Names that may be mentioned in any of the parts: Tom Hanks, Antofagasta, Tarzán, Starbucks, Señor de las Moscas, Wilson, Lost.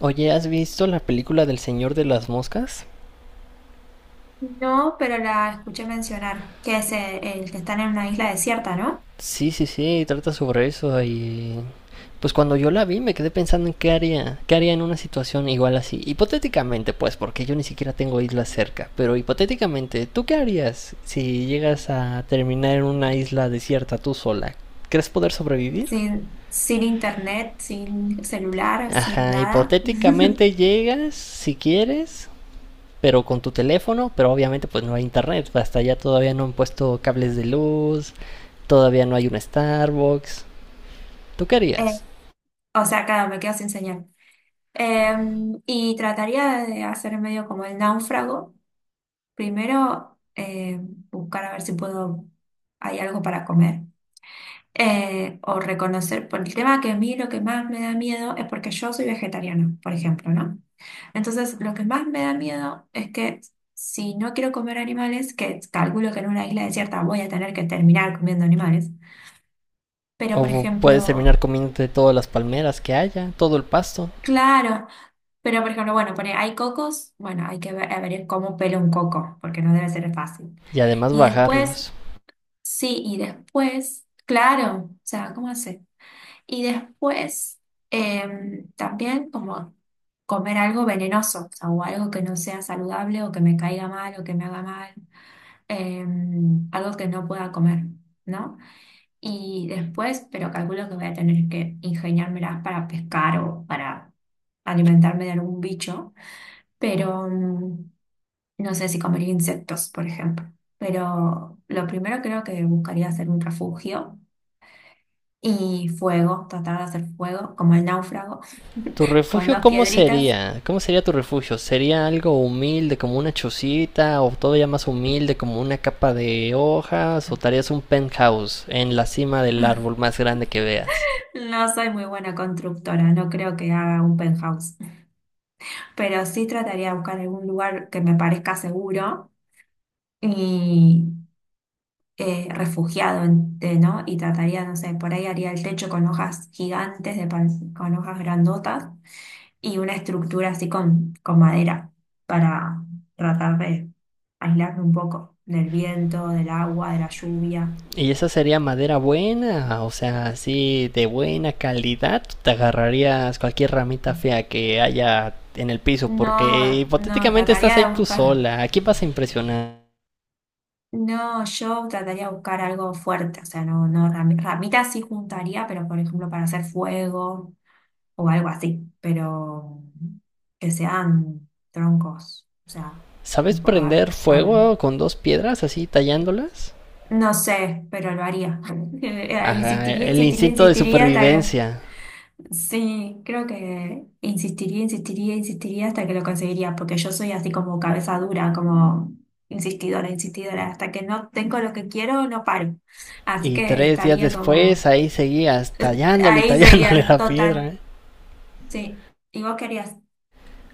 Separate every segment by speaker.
Speaker 1: Oye, ¿has visto la película del Señor de las Moscas?
Speaker 2: No, pero la escuché mencionar, que es que están en una isla desierta, ¿no?
Speaker 1: Sí, sí, sí, trata sobre eso y pues cuando yo la vi me quedé pensando en qué haría en una situación igual así. Hipotéticamente, pues, porque yo ni siquiera tengo islas cerca, pero hipotéticamente, ¿tú qué harías si llegas a terminar en una isla desierta tú sola? ¿Crees poder sobrevivir?
Speaker 2: Sin internet, sin celular, sin
Speaker 1: Ajá,
Speaker 2: nada.
Speaker 1: hipotéticamente llegas, si quieres, pero con tu teléfono, pero obviamente pues no hay internet, hasta allá todavía no han puesto cables de luz, todavía no hay un Starbucks. ¿Tú qué
Speaker 2: Eh,
Speaker 1: harías?
Speaker 2: o sea, claro, me quedo sin señal. Eh, y trataría de hacer medio como el náufrago. Primero, buscar a ver si puedo, hay algo para comer. O reconocer, por el tema que a mí lo que más me da miedo es porque yo soy vegetariana, por ejemplo, ¿no? Entonces, lo que más me da miedo es que si no quiero comer animales, que calculo que en una isla desierta voy a tener que terminar comiendo animales, pero por
Speaker 1: O puedes
Speaker 2: ejemplo,
Speaker 1: terminar comiéndote todas las palmeras que haya, todo el pasto,
Speaker 2: claro, pero por ejemplo, bueno, pone, hay cocos, bueno, hay que ver, a ver cómo pelo un coco, porque no debe ser fácil.
Speaker 1: y además
Speaker 2: Y después,
Speaker 1: bajarlos.
Speaker 2: sí, y después, claro, o sea, ¿cómo hace? Y después, también como comer algo venenoso, o sea, o algo que no sea saludable o que me caiga mal o que me haga mal. Algo que no pueda comer, ¿no? Y después, pero calculo que voy a tener que ingeniármelas para pescar o para alimentarme de algún bicho, pero no sé si comería insectos, por ejemplo. Pero lo primero creo que buscaría hacer un refugio y fuego, tratar de hacer fuego, como el náufrago,
Speaker 1: ¿Tu
Speaker 2: con
Speaker 1: refugio
Speaker 2: dos
Speaker 1: cómo
Speaker 2: piedritas.
Speaker 1: sería? ¿Cómo sería tu refugio? ¿Sería algo humilde como una chocita o todavía más humilde como una capa de hojas o te harías un penthouse en la cima del árbol más grande que veas?
Speaker 2: No soy muy buena constructora, no creo que haga un penthouse, pero sí trataría de buscar algún lugar que me parezca seguro y ¿no? Y trataría, no sé, por ahí haría el techo con hojas gigantes, con hojas grandotas y una estructura así con madera para tratar de aislarme un poco del viento, del agua, de la lluvia.
Speaker 1: Y esa sería madera buena, o sea, así de buena calidad. Te agarrarías cualquier ramita fea que haya en el piso, porque
Speaker 2: No,
Speaker 1: hipotéticamente estás
Speaker 2: trataría
Speaker 1: ahí
Speaker 2: de
Speaker 1: tú
Speaker 2: buscar.
Speaker 1: sola. Aquí vas a impresionar.
Speaker 2: No, yo trataría de buscar algo fuerte, o sea, no, no, rami- ramitas sí juntaría, pero por ejemplo para hacer fuego o algo así, pero que sean troncos, o sea,
Speaker 1: ¿Sabes
Speaker 2: un po- ar-
Speaker 1: prender
Speaker 2: ar-
Speaker 1: fuego con dos piedras así tallándolas?
Speaker 2: no sé, pero lo haría.
Speaker 1: Ajá,
Speaker 2: Insistiría,
Speaker 1: el
Speaker 2: insistiría,
Speaker 1: instinto de
Speaker 2: insistiría hasta que...
Speaker 1: supervivencia.
Speaker 2: Sí, creo que insistiría, insistiría hasta que lo conseguiría, porque yo soy así como cabeza dura, como insistidora, insistidora, hasta que no tengo lo que quiero, no paro. Así
Speaker 1: Y
Speaker 2: que
Speaker 1: 3 días
Speaker 2: estaría
Speaker 1: después
Speaker 2: como...
Speaker 1: ahí seguías tallándole y
Speaker 2: Ahí
Speaker 1: tallándole
Speaker 2: seguía,
Speaker 1: la piedra,
Speaker 2: total,
Speaker 1: ¿eh?
Speaker 2: sí. ¿Y vos querías?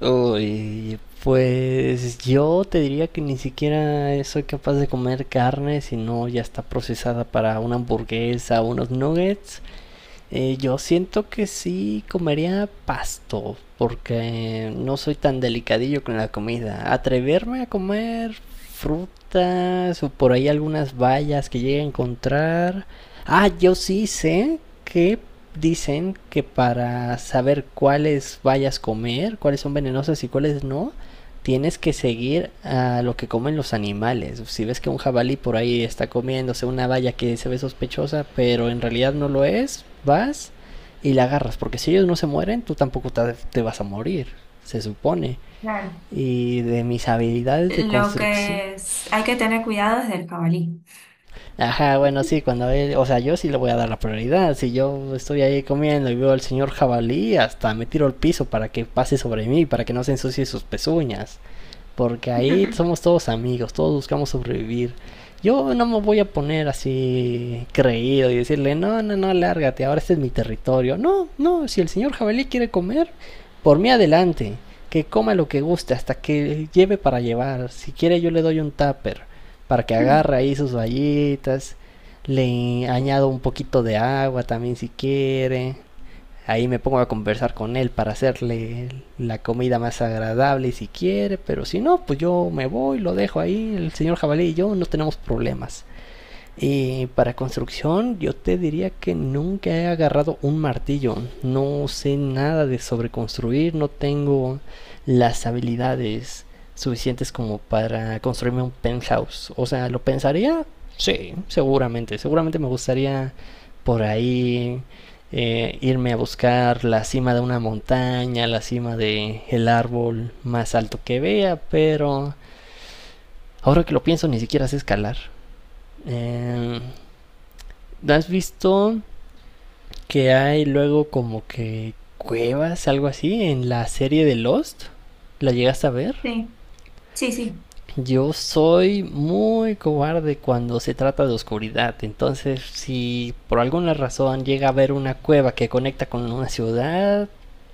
Speaker 1: Uy, pues yo te diría que ni siquiera soy capaz de comer carne si no ya está procesada para una hamburguesa o unos nuggets. Yo siento que sí comería pasto, porque no soy tan delicadillo con la comida. Atreverme a comer frutas o por ahí algunas bayas que llegue a encontrar. Ah, yo sí sé que dicen que para saber cuáles bayas comer, cuáles son venenosas y cuáles no, tienes que seguir a lo que comen los animales. Si ves que un jabalí por ahí está comiéndose una valla que se ve sospechosa, pero en realidad no lo es, vas y la agarras. Porque si ellos no se mueren, tú tampoco te, vas a morir, se supone. Y de mis habilidades de
Speaker 2: Lo
Speaker 1: construcción.
Speaker 2: que es, hay que tener cuidado es del jabalí.
Speaker 1: Ajá, bueno, sí, cuando él, o sea, yo sí le voy a dar la prioridad. Si yo estoy ahí comiendo y veo al señor jabalí, hasta me tiro al piso para que pase sobre mí, para que no se ensucie sus pezuñas. Porque ahí somos todos amigos, todos buscamos sobrevivir. Yo no me voy a poner así creído y decirle, no, no, no, lárgate, ahora este es mi territorio. No, no, si el señor jabalí quiere comer, por mí adelante, que coma lo que guste, hasta que lleve para llevar. Si quiere yo le doy un tupper, para que agarre ahí sus vallitas, le añado un poquito de agua también si quiere. Ahí me pongo a conversar con él para hacerle la comida más agradable si quiere, pero si no, pues yo me voy, lo dejo ahí, el señor jabalí y yo no tenemos problemas. Y para construcción yo te diría que nunca he agarrado un martillo. No sé nada de sobreconstruir, no tengo las habilidades suficientes como para construirme un penthouse. O sea, ¿lo pensaría? Sí, seguramente. Seguramente me gustaría por ahí irme a buscar la cima de una montaña, la cima de el árbol más alto que vea, pero ahora que lo pienso ni siquiera sé escalar. Eh, ¿Has visto que hay luego como que cuevas, algo así, en la serie de Lost? ¿La llegaste a ver?
Speaker 2: Sí, sí, sí.
Speaker 1: Yo soy muy cobarde cuando se trata de oscuridad, entonces si por alguna razón llega a haber una cueva que conecta con una ciudad,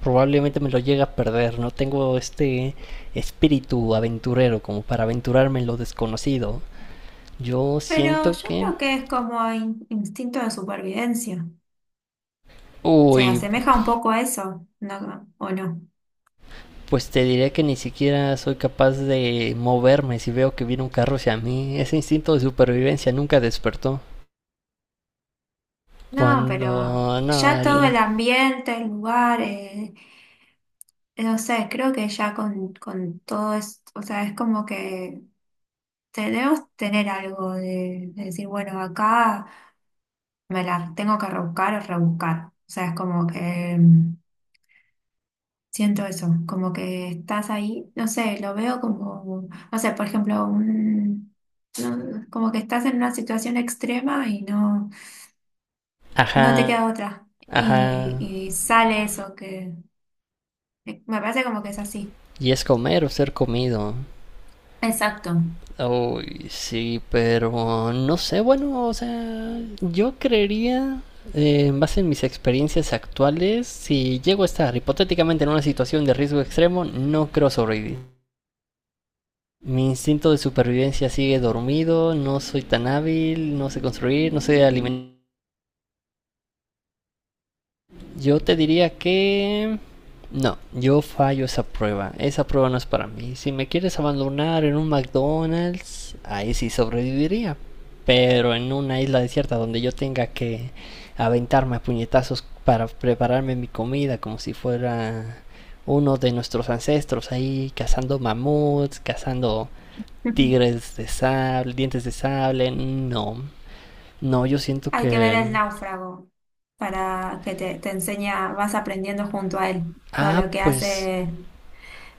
Speaker 1: probablemente me lo llegue a perder. No tengo este espíritu aventurero como para aventurarme en lo desconocido. Yo
Speaker 2: Pero
Speaker 1: siento
Speaker 2: yo
Speaker 1: que...
Speaker 2: creo que es como instinto de supervivencia. Se
Speaker 1: Uy,
Speaker 2: asemeja un poco a eso, ¿no? ¿O no?
Speaker 1: pues te diré que ni siquiera soy capaz de moverme si veo que viene un carro hacia mí. Ese instinto de supervivencia nunca despertó.
Speaker 2: No, pero
Speaker 1: Cuando... No,
Speaker 2: ya todo
Speaker 1: el...
Speaker 2: el ambiente, el lugar, no sé, creo que ya con todo esto, o sea, es como que debemos tener algo de decir, bueno, acá me la tengo que rebuscar o rebuscar. O sea, es como que... Siento eso, como que estás ahí, no sé, lo veo como, no sé, por ejemplo, un, no, como que estás en una situación extrema y
Speaker 1: Ajá,
Speaker 2: no te queda otra. Y,
Speaker 1: ajá.
Speaker 2: y sale eso, que me parece como que es así.
Speaker 1: Y es comer o ser comido.
Speaker 2: Exacto.
Speaker 1: Uy, sí, pero no sé, bueno, o sea, yo creería, en base en mis experiencias actuales, si llego a estar hipotéticamente en una situación de riesgo extremo, no creo sobrevivir. Mi instinto de supervivencia sigue dormido, no soy tan hábil, no sé construir, no sé alimentar. Yo te diría que... No, yo fallo esa prueba. Esa prueba no es para mí. Si me quieres abandonar en un McDonald's, ahí sí sobreviviría. Pero en una isla desierta donde yo tenga que aventarme a puñetazos para prepararme mi comida como si fuera uno de nuestros ancestros ahí cazando mamuts, cazando
Speaker 2: Ujú.
Speaker 1: Tigres de Sable, Dientes de Sable, no. No, yo siento
Speaker 2: Hay que ver
Speaker 1: que...
Speaker 2: el náufrago para que te enseña, vas aprendiendo junto a él todo
Speaker 1: Ah,
Speaker 2: lo que
Speaker 1: pues...
Speaker 2: hace,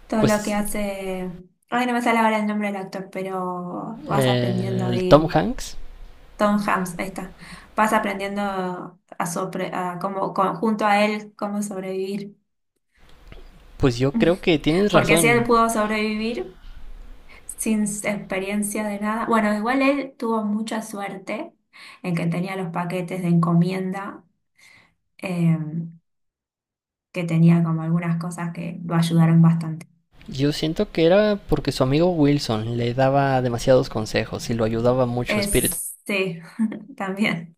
Speaker 2: todo lo
Speaker 1: Pues
Speaker 2: que hace, ay, no me sale ahora el nombre del actor, pero vas aprendiendo
Speaker 1: el Tom
Speaker 2: ahí
Speaker 1: Hanks,
Speaker 2: Tom Hanks, ahí está. Vas aprendiendo a, sobre, a cómo, con- junto a él cómo sobrevivir.
Speaker 1: pues yo creo que tienes
Speaker 2: Porque si
Speaker 1: razón.
Speaker 2: él pudo sobrevivir sin experiencia de nada, bueno, igual él tuvo mucha suerte en que tenía los paquetes de encomienda, eh, que tenía como algunas cosas que lo ayudaron bastante.
Speaker 1: Yo siento que era porque su amigo Wilson le daba demasiados consejos y lo ayudaba mucho, Spirit.
Speaker 2: Sí, también.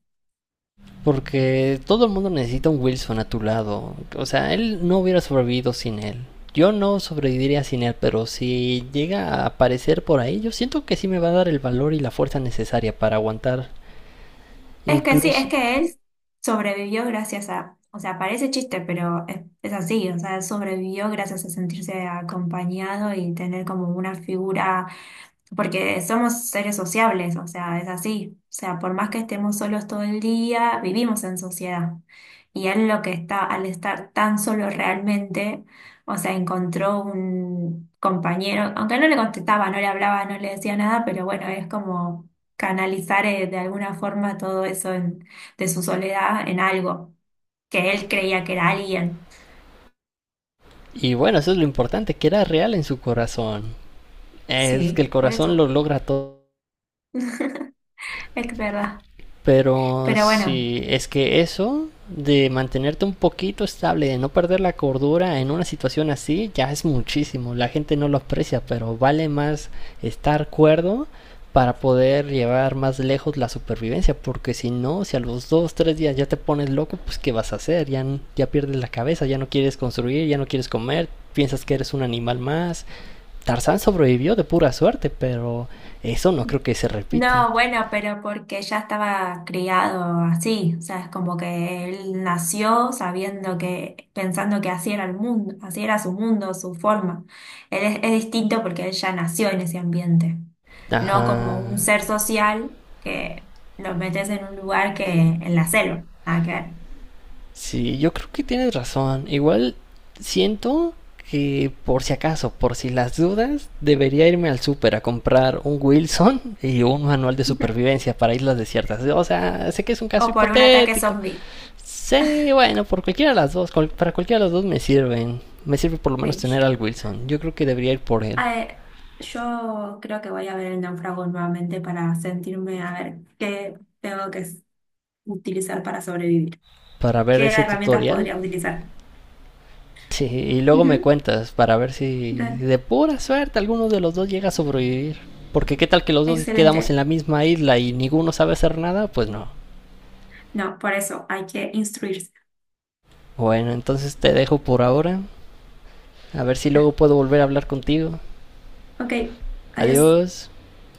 Speaker 1: Porque todo el mundo necesita un Wilson a tu lado. O sea, él no hubiera sobrevivido sin él. Yo no sobreviviría sin él, pero si llega a aparecer por ahí, yo siento que sí me va a dar el valor y la fuerza necesaria para aguantar.
Speaker 2: Es que sí, es
Speaker 1: Incluso,
Speaker 2: que él sobrevivió gracias a, o sea, parece chiste, pero es así, o sea, él sobrevivió gracias a sentirse acompañado y tener como una figura porque somos seres sociables, o sea, es así. O sea, por más que estemos solos todo el día, vivimos en sociedad. Y él lo que está, al estar tan solo realmente, o sea, encontró un compañero, aunque no le contestaba, no le hablaba, no le decía nada, pero bueno, es como canalizar de alguna forma todo eso de su soledad en algo que él creía que era alguien.
Speaker 1: y bueno, eso es lo importante, que era real en su corazón. Es que el
Speaker 2: Sí, por
Speaker 1: corazón lo
Speaker 2: eso.
Speaker 1: logra,
Speaker 2: Es verdad.
Speaker 1: pero
Speaker 2: Pero bueno.
Speaker 1: si es que eso de mantenerte un poquito estable, de no perder la cordura en una situación así, ya es muchísimo. La gente no lo aprecia, pero vale más estar cuerdo para poder llevar más lejos la supervivencia, porque si no, si a los 2, 3 días ya te pones loco, pues ¿qué vas a hacer? Ya, ya pierdes la cabeza, ya no quieres construir, ya no quieres comer, piensas que eres un animal más, Tarzán sobrevivió de pura suerte, pero eso no creo que se repita.
Speaker 2: No, bueno, pero porque ya estaba criado así, o sea, es como que él nació sabiendo que, pensando que así era el mundo, así era su mundo, su forma. Es distinto porque él ya nació en ese ambiente, no
Speaker 1: Ajá.
Speaker 2: como un ser social que lo metes en un lugar que en la selva, nada que
Speaker 1: Sí, yo creo que tienes razón. Igual siento que por si acaso, por si las dudas, debería irme al súper a comprar un Wilson y un manual de
Speaker 2: ver.
Speaker 1: supervivencia para islas desiertas. O sea, sé que es un caso
Speaker 2: O por un ataque
Speaker 1: hipotético.
Speaker 2: zombie.
Speaker 1: Sí, bueno, por cualquiera de las dos, para cualquiera de las dos me sirven. Me sirve por lo menos tener
Speaker 2: Cringe.
Speaker 1: al Wilson. Yo creo que debería ir por él
Speaker 2: Eh, yo creo que voy a ver el náufrago nuevamente para sentirme a ver qué tengo que utilizar para sobrevivir.
Speaker 1: para ver
Speaker 2: ¿Qué
Speaker 1: ese
Speaker 2: herramientas
Speaker 1: tutorial.
Speaker 2: podría utilizar?
Speaker 1: Sí, y luego me
Speaker 2: Ujú,
Speaker 1: cuentas para ver si
Speaker 2: dale,
Speaker 1: de pura suerte alguno de los dos llega a sobrevivir. Porque qué tal que los dos quedamos en
Speaker 2: excelente.
Speaker 1: la misma isla y ninguno sabe hacer nada, pues no.
Speaker 2: No, por eso hay que instruirse.
Speaker 1: Bueno, entonces te dejo por ahora. A ver si luego puedo volver a hablar contigo.
Speaker 2: Ok, adiós.
Speaker 1: Adiós.